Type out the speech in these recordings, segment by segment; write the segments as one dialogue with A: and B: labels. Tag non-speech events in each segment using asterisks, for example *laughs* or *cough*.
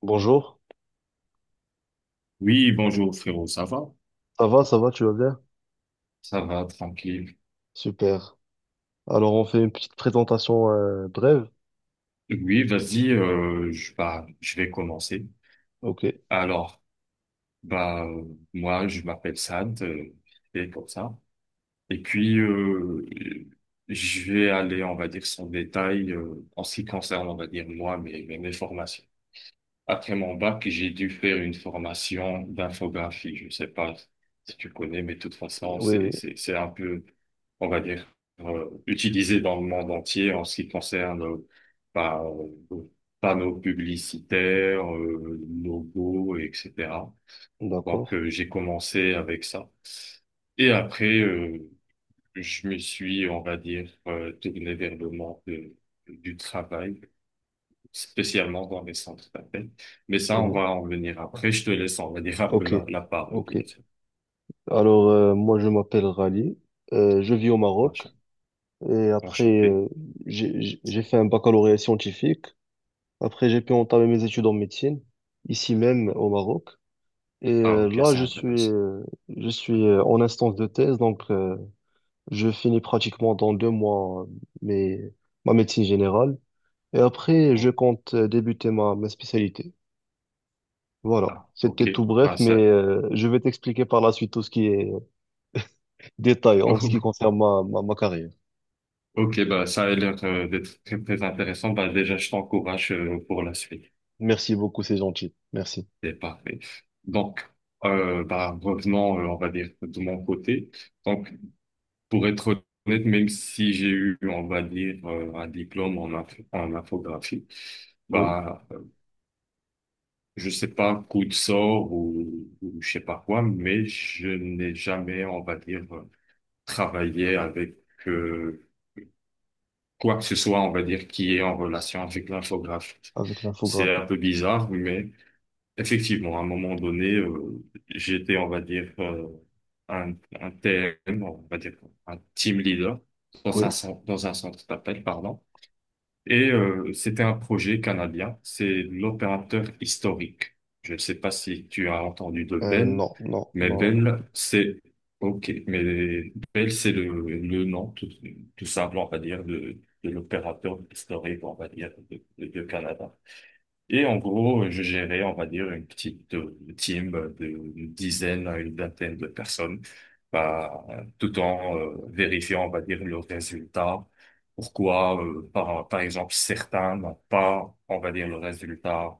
A: Bonjour,
B: Oui, bonjour frérot, ça va?
A: ça va, tu vas bien?
B: Ça va, tranquille.
A: Super. Alors on fait une petite présentation brève.
B: Oui, vas-y, je vais commencer.
A: Ok,
B: Alors, bah, euh, moi, je m'appelle Sad, et comme ça. Et puis, je vais aller, on va dire, sans détail, en ce qui concerne, on va dire, moi, mes formations. Après mon bac, j'ai dû faire une formation d'infographie. Je ne sais pas si tu connais, mais de toute façon,
A: oui, oui,
B: c'est un peu, on va dire, utilisé dans le monde entier en ce qui concerne bah, euh, panneaux publicitaires, logos, etc. Donc,
A: d'accord.
B: j'ai commencé avec ça. Et après, je me suis, on va dire, tourné vers le monde du travail spécialement dans les centres d'appel. Mais ça, on
A: Mhm.
B: va en venir après. Je te laisse en venir un peu
A: Ok,
B: la parole.
A: ok.
B: Bien sûr.
A: Alors moi je m'appelle Rally. Je vis au Maroc
B: Enchan-
A: et après,
B: Enchanté.
A: j'ai fait un baccalauréat scientifique. Après j'ai pu entamer mes études en médecine ici même au Maroc. Et
B: Ah, ok,
A: là
B: c'est
A: je suis
B: intéressant.
A: euh, je suis euh, en instance de thèse, donc je finis pratiquement dans 2 mois, mes ma médecine générale. Et après, je
B: Bon.
A: compte débuter ma spécialité. Voilà.
B: Ah,
A: C'était
B: ok.
A: tout bref,
B: Bah,
A: mais
B: ça,
A: je vais t'expliquer par la suite tout ce qui est détail en ce qui
B: *laughs*
A: concerne ma carrière.
B: ok, bah, ça a l'air d'être très, très intéressant. Bah, déjà, je t'encourage pour la suite.
A: Merci beaucoup, c'est gentil. Merci.
B: C'est parfait. Donc, revenons, on va dire, de mon côté. Donc, pour être honnête, même si j'ai eu, on va dire, un diplôme en infographie,
A: Oui,
B: bah, je sais pas, coup de sort ou je sais pas quoi, mais je n'ai jamais, on va dire, travaillé avec euh, quoi que ce soit, on va dire, qui est en relation avec l'infographie.
A: avec
B: C'est
A: l'infographie.
B: un peu bizarre, mais effectivement, à un moment donné, j'étais, on va dire, un, un TM, on va dire, un team leader
A: Oui.
B: dans un centre d'appel, pardon. Et c'était un projet canadien, c'est l'opérateur historique. Je ne sais pas si tu as entendu de Bell,
A: Non, non,
B: mais
A: non.
B: Bell, c'est ok, mais Bell, c'est le nom tout, tout simple, on va dire, de l'opérateur historique, on va dire, de Canada. Et en gros, je gérais, on va dire, une petite team de dizaines à une vingtaine de personnes, bah, tout en vérifiant, on va dire, le résultat. Pourquoi, par exemple, certains n'ont pas, on va dire, le résultat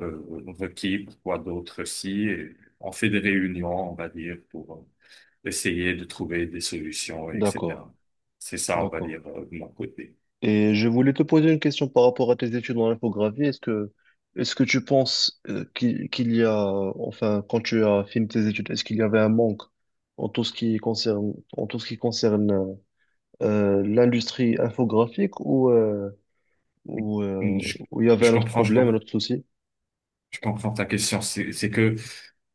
B: euh, requis, pourquoi d'autres si. Et on fait des réunions, on va dire, pour essayer de trouver des solutions,
A: D'accord,
B: etc. C'est ça, on va
A: d'accord.
B: dire, de mon côté.
A: Et je voulais te poser une question par rapport à tes études en infographie. Est-ce que tu penses, qu'il y a, enfin, quand tu as fini tes études, est-ce qu'il y avait un manque en tout ce qui concerne, l'industrie infographique ou, euh,
B: Hum, Je,
A: ou il y avait
B: je
A: un autre
B: comprends,
A: problème, un autre souci?
B: je comprends ta question. C'est que,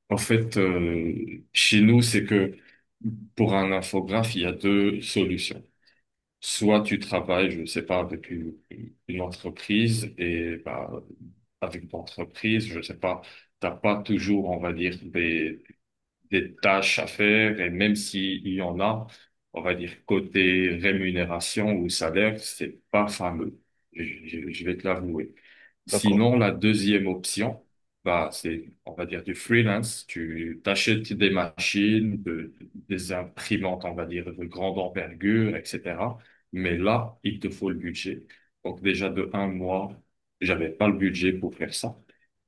B: en fait, chez nous, c'est que pour un infographe, il y a deux solutions. Soit tu travailles, je sais pas, avec une entreprise et bah, avec ton entreprise, je sais pas, t'as pas toujours, on va dire, des tâches à faire et même s'il y en a, on va dire côté rémunération ou salaire, c'est pas fameux. Je vais te l'avouer.
A: D'accord.
B: Sinon, la deuxième option, bah, c'est, on va dire du freelance. Tu t'achètes des machines, des imprimantes, on va dire, de grande envergure, etc. Mais là, il te faut le budget. Donc déjà de un mois, j'avais pas le budget pour faire ça.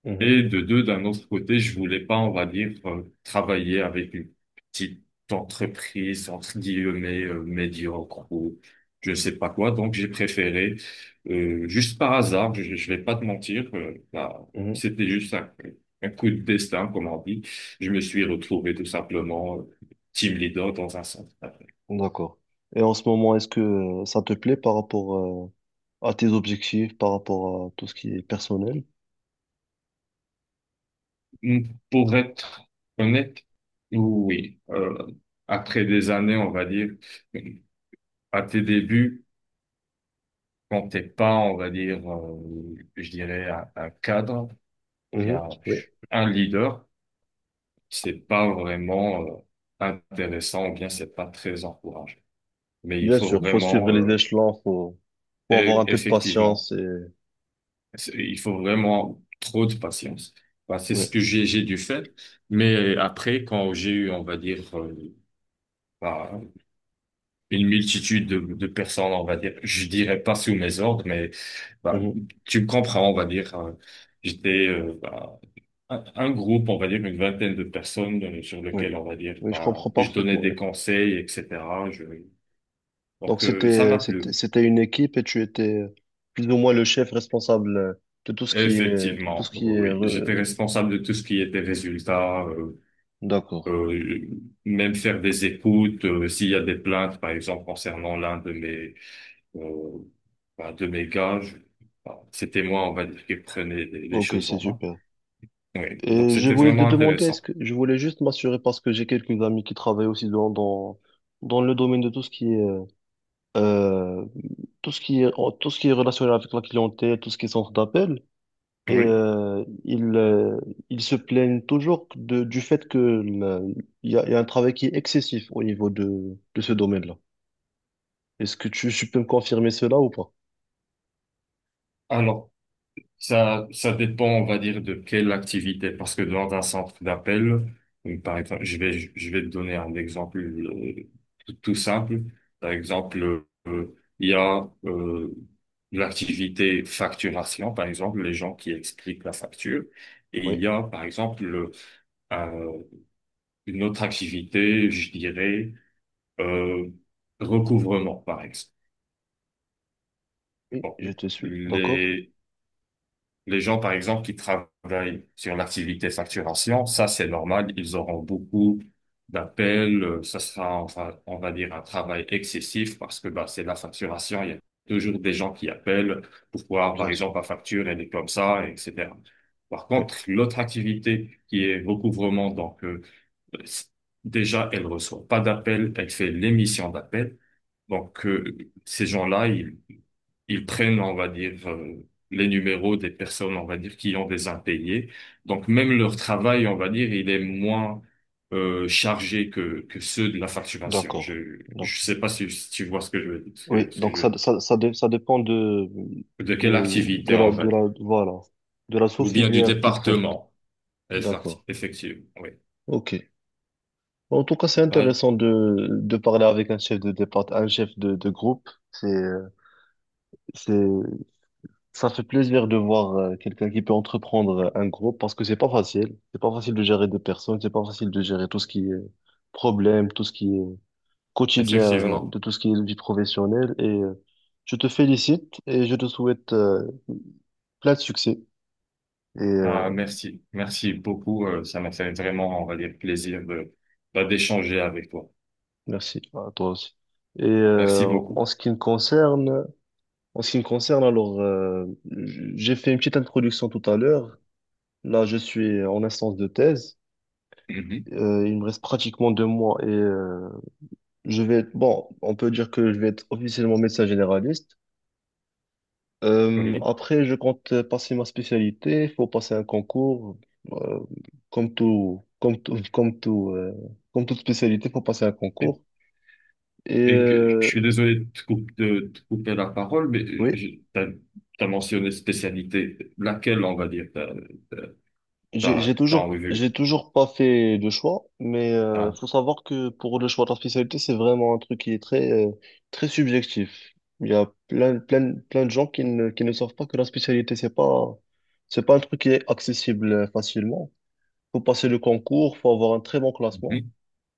A: Mhm,
B: Et de deux, d'un autre côté, je voulais pas, on va dire, travailler avec une petite entreprise, entre guillemets, médiocre ou je sais pas quoi. Donc, j'ai préféré, juste par hasard, je vais pas te mentir,
A: mhm,
B: c'était juste un coup de destin, comme on dit. Je me suis retrouvé tout simplement team leader dans un centre.
A: d'accord. Et en ce moment, est-ce que ça te plaît par rapport à tes objectifs, par rapport à tout ce qui est personnel?
B: Hmm, Pour être honnête, oui, après des années, on va dire, à tes débuts, quand t'es pas, on va dire, je dirais, un cadre, ou bien
A: Mhm. Oui.
B: un leader, c'est pas vraiment intéressant, ou bien c'est pas très encouragé. Mais il
A: Bien
B: faut
A: sûr, faut suivre
B: vraiment,
A: les échelons, faut avoir un peu de
B: effectivement,
A: patience et
B: il faut vraiment trop de patience. Bah, c'est
A: oui,
B: ce que j'ai dû faire. Mais après, quand j'ai eu, on va dire, bah, une multitude de personnes, on va dire, je dirais pas sous mes ordres, mais bah,
A: mhm,
B: tu me comprends, on va dire. J'étais, un groupe, on va dire une vingtaine de personnes sur
A: oui,
B: lequel on va dire,
A: oui, je
B: bah,
A: comprends
B: je donnais
A: parfaitement. Oui.
B: des conseils, etc. Je...
A: Donc
B: Donc ça
A: c'était
B: m'a
A: c'était
B: plu.
A: c'était une équipe et tu étais plus ou moins le chef responsable, de tout ce qui est tout
B: Effectivement,
A: ce qui est
B: oui. J'étais responsable de tout ce qui était résultat,
A: D'accord.
B: euh, même faire des écoutes, s'il y a des plaintes, par exemple, concernant l'un de mes, euh, de mes gars, bah, c'était moi, on va dire, qui prenais les
A: Ok,
B: choses
A: c'est
B: en main.
A: super.
B: Oui. Donc
A: Et je
B: c'était
A: voulais te
B: vraiment
A: demander, est-ce
B: intéressant.
A: que je voulais juste m'assurer parce que j'ai quelques amis qui travaillent aussi dans le domaine de euh, tout ce qui est, tout ce qui est relationnel avec la clientèle, tout ce qui est centre d'appel. Et
B: Oui.
A: ils se plaignent toujours du fait il y a un travail qui est excessif au niveau de ce domaine-là. Est-ce que tu peux me confirmer cela ou pas?
B: Alors, ça dépend, on va dire, de quelle activité. Parce que dans un centre d'appel, donc, par exemple, je vais te donner un exemple tout, tout simple. Par exemple, il y a l'activité facturation, par exemple, les gens qui expliquent la facture. Et il
A: Oui,
B: y a, par exemple, un- une autre activité, je dirais, euh, recouvrement, par exemple.
A: oui,
B: Donc,
A: je te suis. D'accord?
B: les, les gens, par exemple, qui travaillent sur l'activité facturation, ça, c'est normal. Ils auront beaucoup d'appels. Ça sera, on va dire, un travail excessif parce que bah, c'est la facturation. Il y a toujours des gens qui appellent pour voir, par
A: Bien sûr.
B: exemple, la facture, elle est comme ça, etc. Par
A: Oui,
B: contre, l'autre activité qui est recouvrement, donc c- déjà, elle reçoit pas d'appels, elle fait l'émission d'appels. Donc, ces gens-là, ils prennent, on va dire, les numéros des personnes, on va dire, qui ont des impayés. Donc même leur travail, on va dire, il est moins chargé que ceux de la facturation.
A: d'accord.
B: Je
A: D'accord.
B: sais pas si, si tu vois ce que je veux dire,
A: Oui,
B: ce que
A: donc
B: je
A: ça,
B: veux dire.
A: ça, ça, dé- ça dépend
B: De quelle
A: de, de
B: activité,
A: la,
B: on
A: de
B: va
A: la,
B: dire.
A: voilà, de la
B: Ou bien du
A: sous-filière qui traite.
B: département.
A: D'accord.
B: Effectivement, oui.
A: OK. En tout cas, c'est
B: Bah,
A: intéressant de parler avec un chef de départ, un chef de groupe. C'est, ça fait plaisir de voir quelqu'un qui peut entreprendre un groupe parce que c'est pas facile. C'est pas facile de gérer des personnes, c'est pas facile de gérer tout ce qui est problème, tout ce qui est quotidien,
B: effectivement.
A: de tout ce qui est vie professionnelle. Et je te félicite et je te souhaite plein de succès. Et
B: Ben merci. Merci beaucoup. Ça m'a fait vraiment, on va dire, plaisir de, bah, d'échanger avec toi.
A: merci à toi aussi. Et
B: Merci beaucoup.
A: en ce qui me concerne, alors j'ai fait une petite introduction tout à l'heure. Là, je suis en instance de thèse.
B: Mhm.
A: Il me reste pratiquement 2 mois et je vais être, bon, on peut dire que je vais être officiellement médecin généraliste.
B: Oui.
A: Après, je compte passer ma spécialité. Il faut passer un concours, euh, comme tout, comme tout, comme tout, euh, comme toute spécialité, il faut passer un concours. Et
B: Et que, je suis désolé de de te couper la parole, mais
A: oui.
B: tu as, mentionné spécialité. Laquelle, on va dire,
A: J'ai j'ai
B: t'as en
A: toujours,
B: revue?
A: j'ai toujours pas fait de choix, mais
B: Ah,
A: faut savoir que pour le choix de la spécialité, c'est vraiment un truc qui est très subjectif. Il y a plein, plein, plein de gens qui ne savent pas que la spécialité, c'est pas un truc qui est accessible facilement. Faut passer le concours, faut avoir un très bon classement
B: mhm.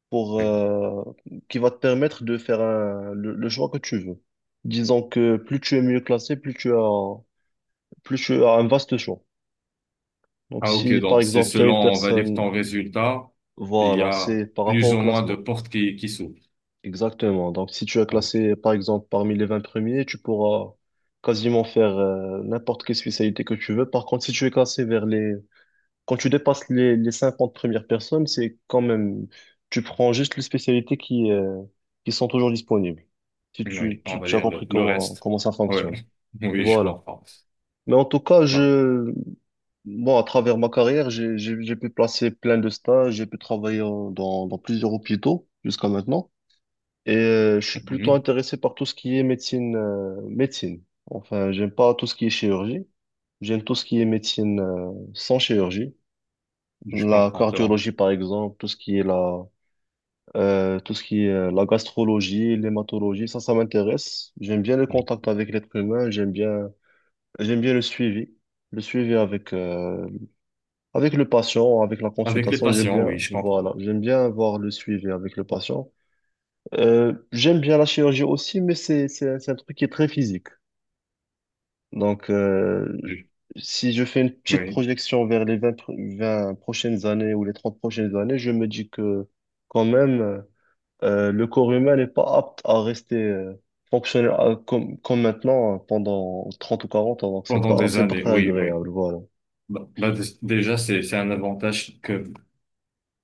A: pour,
B: Oui.
A: qui va te permettre de faire le choix que tu veux. Disons que plus tu es mieux classé, plus tu as un vaste choix. Donc
B: Ah, ok,
A: si par
B: donc c'est
A: exemple, il y a
B: selon,
A: une
B: on va dire,
A: personne.
B: ton résultat, il y
A: Voilà,
B: a
A: c'est par rapport
B: plus
A: au
B: ou moins de
A: classement.
B: portes qui s'ouvrent.
A: Exactement. Donc, si tu as
B: Ah, ok.
A: classé, par exemple, parmi les 20 premiers, tu pourras quasiment faire n'importe quelle spécialité que tu veux. Par contre, si tu es classé vers les. Quand tu dépasses les 50 premières personnes, c'est quand même. Tu prends juste les spécialités qui sont toujours disponibles. Si
B: Oui,
A: tu,
B: on
A: tu,
B: va
A: tu as
B: dire
A: compris
B: le
A: comment,
B: reste.
A: comment ça
B: Oui,
A: fonctionne.
B: *laughs* oui, je
A: Voilà.
B: comprends.
A: Mais en tout cas,
B: Bah,
A: bon, à travers ma carrière, j'ai pu placer plein de stages, j'ai pu travailler dans plusieurs hôpitaux jusqu'à maintenant. Et je suis plutôt
B: mhm.
A: intéressé par tout ce qui est médecine. Enfin, j'aime pas tout ce qui est chirurgie. J'aime tout ce qui est médecine sans chirurgie.
B: Je
A: La
B: comprends. C'est bon.
A: cardiologie, par exemple, tout ce qui est la gastrologie, l'hématologie, ça m'intéresse. J'aime bien le contact avec l'être humain. J'aime bien le suivi avec le patient, avec la
B: Avec les
A: consultation.
B: patients, oui, je
A: Voilà,
B: comprends.
A: j'aime bien avoir le suivi avec le patient. J'aime bien la chirurgie aussi, mais c'est un truc qui est très physique. Donc,
B: Je-
A: si je fais une petite
B: oui,
A: projection vers les 20 prochaines années ou les 30 prochaines années, je me dis que quand même, le corps humain n'est pas apte à rester fonctionnel, comme maintenant, pendant 30 ou 40 ans. Donc, c'est
B: pendant
A: pas,
B: des
A: c'est pas
B: années,
A: très
B: oui, oui.
A: agréable. Voilà.
B: Déjà, c'est un avantage que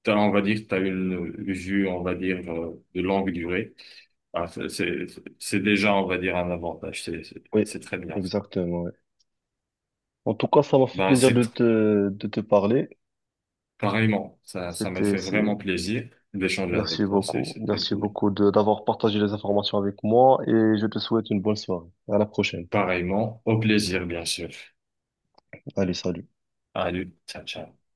B: t'as, on va dire, tu as une vue, on va dire, de longue durée. Bah, c'est déjà, on va dire, un avantage.
A: Oui,
B: C'est très bien. Ça.
A: exactement. Ouais. En tout cas, ça m'a fait
B: Bah,
A: plaisir
B: c'est
A: de
B: tr-
A: te, de te parler.
B: pareillement. Ça, ça m'a
A: C'était,
B: fait
A: c'est
B: vraiment plaisir d'échanger avec
A: Merci
B: toi.
A: beaucoup.
B: C'est très
A: Merci
B: cool.
A: beaucoup de d'avoir partagé les informations avec moi et je te souhaite une bonne soirée. À la prochaine.
B: Pareillement, au plaisir, bien sûr.
A: Allez, salut.
B: Allez, ciao, ciao.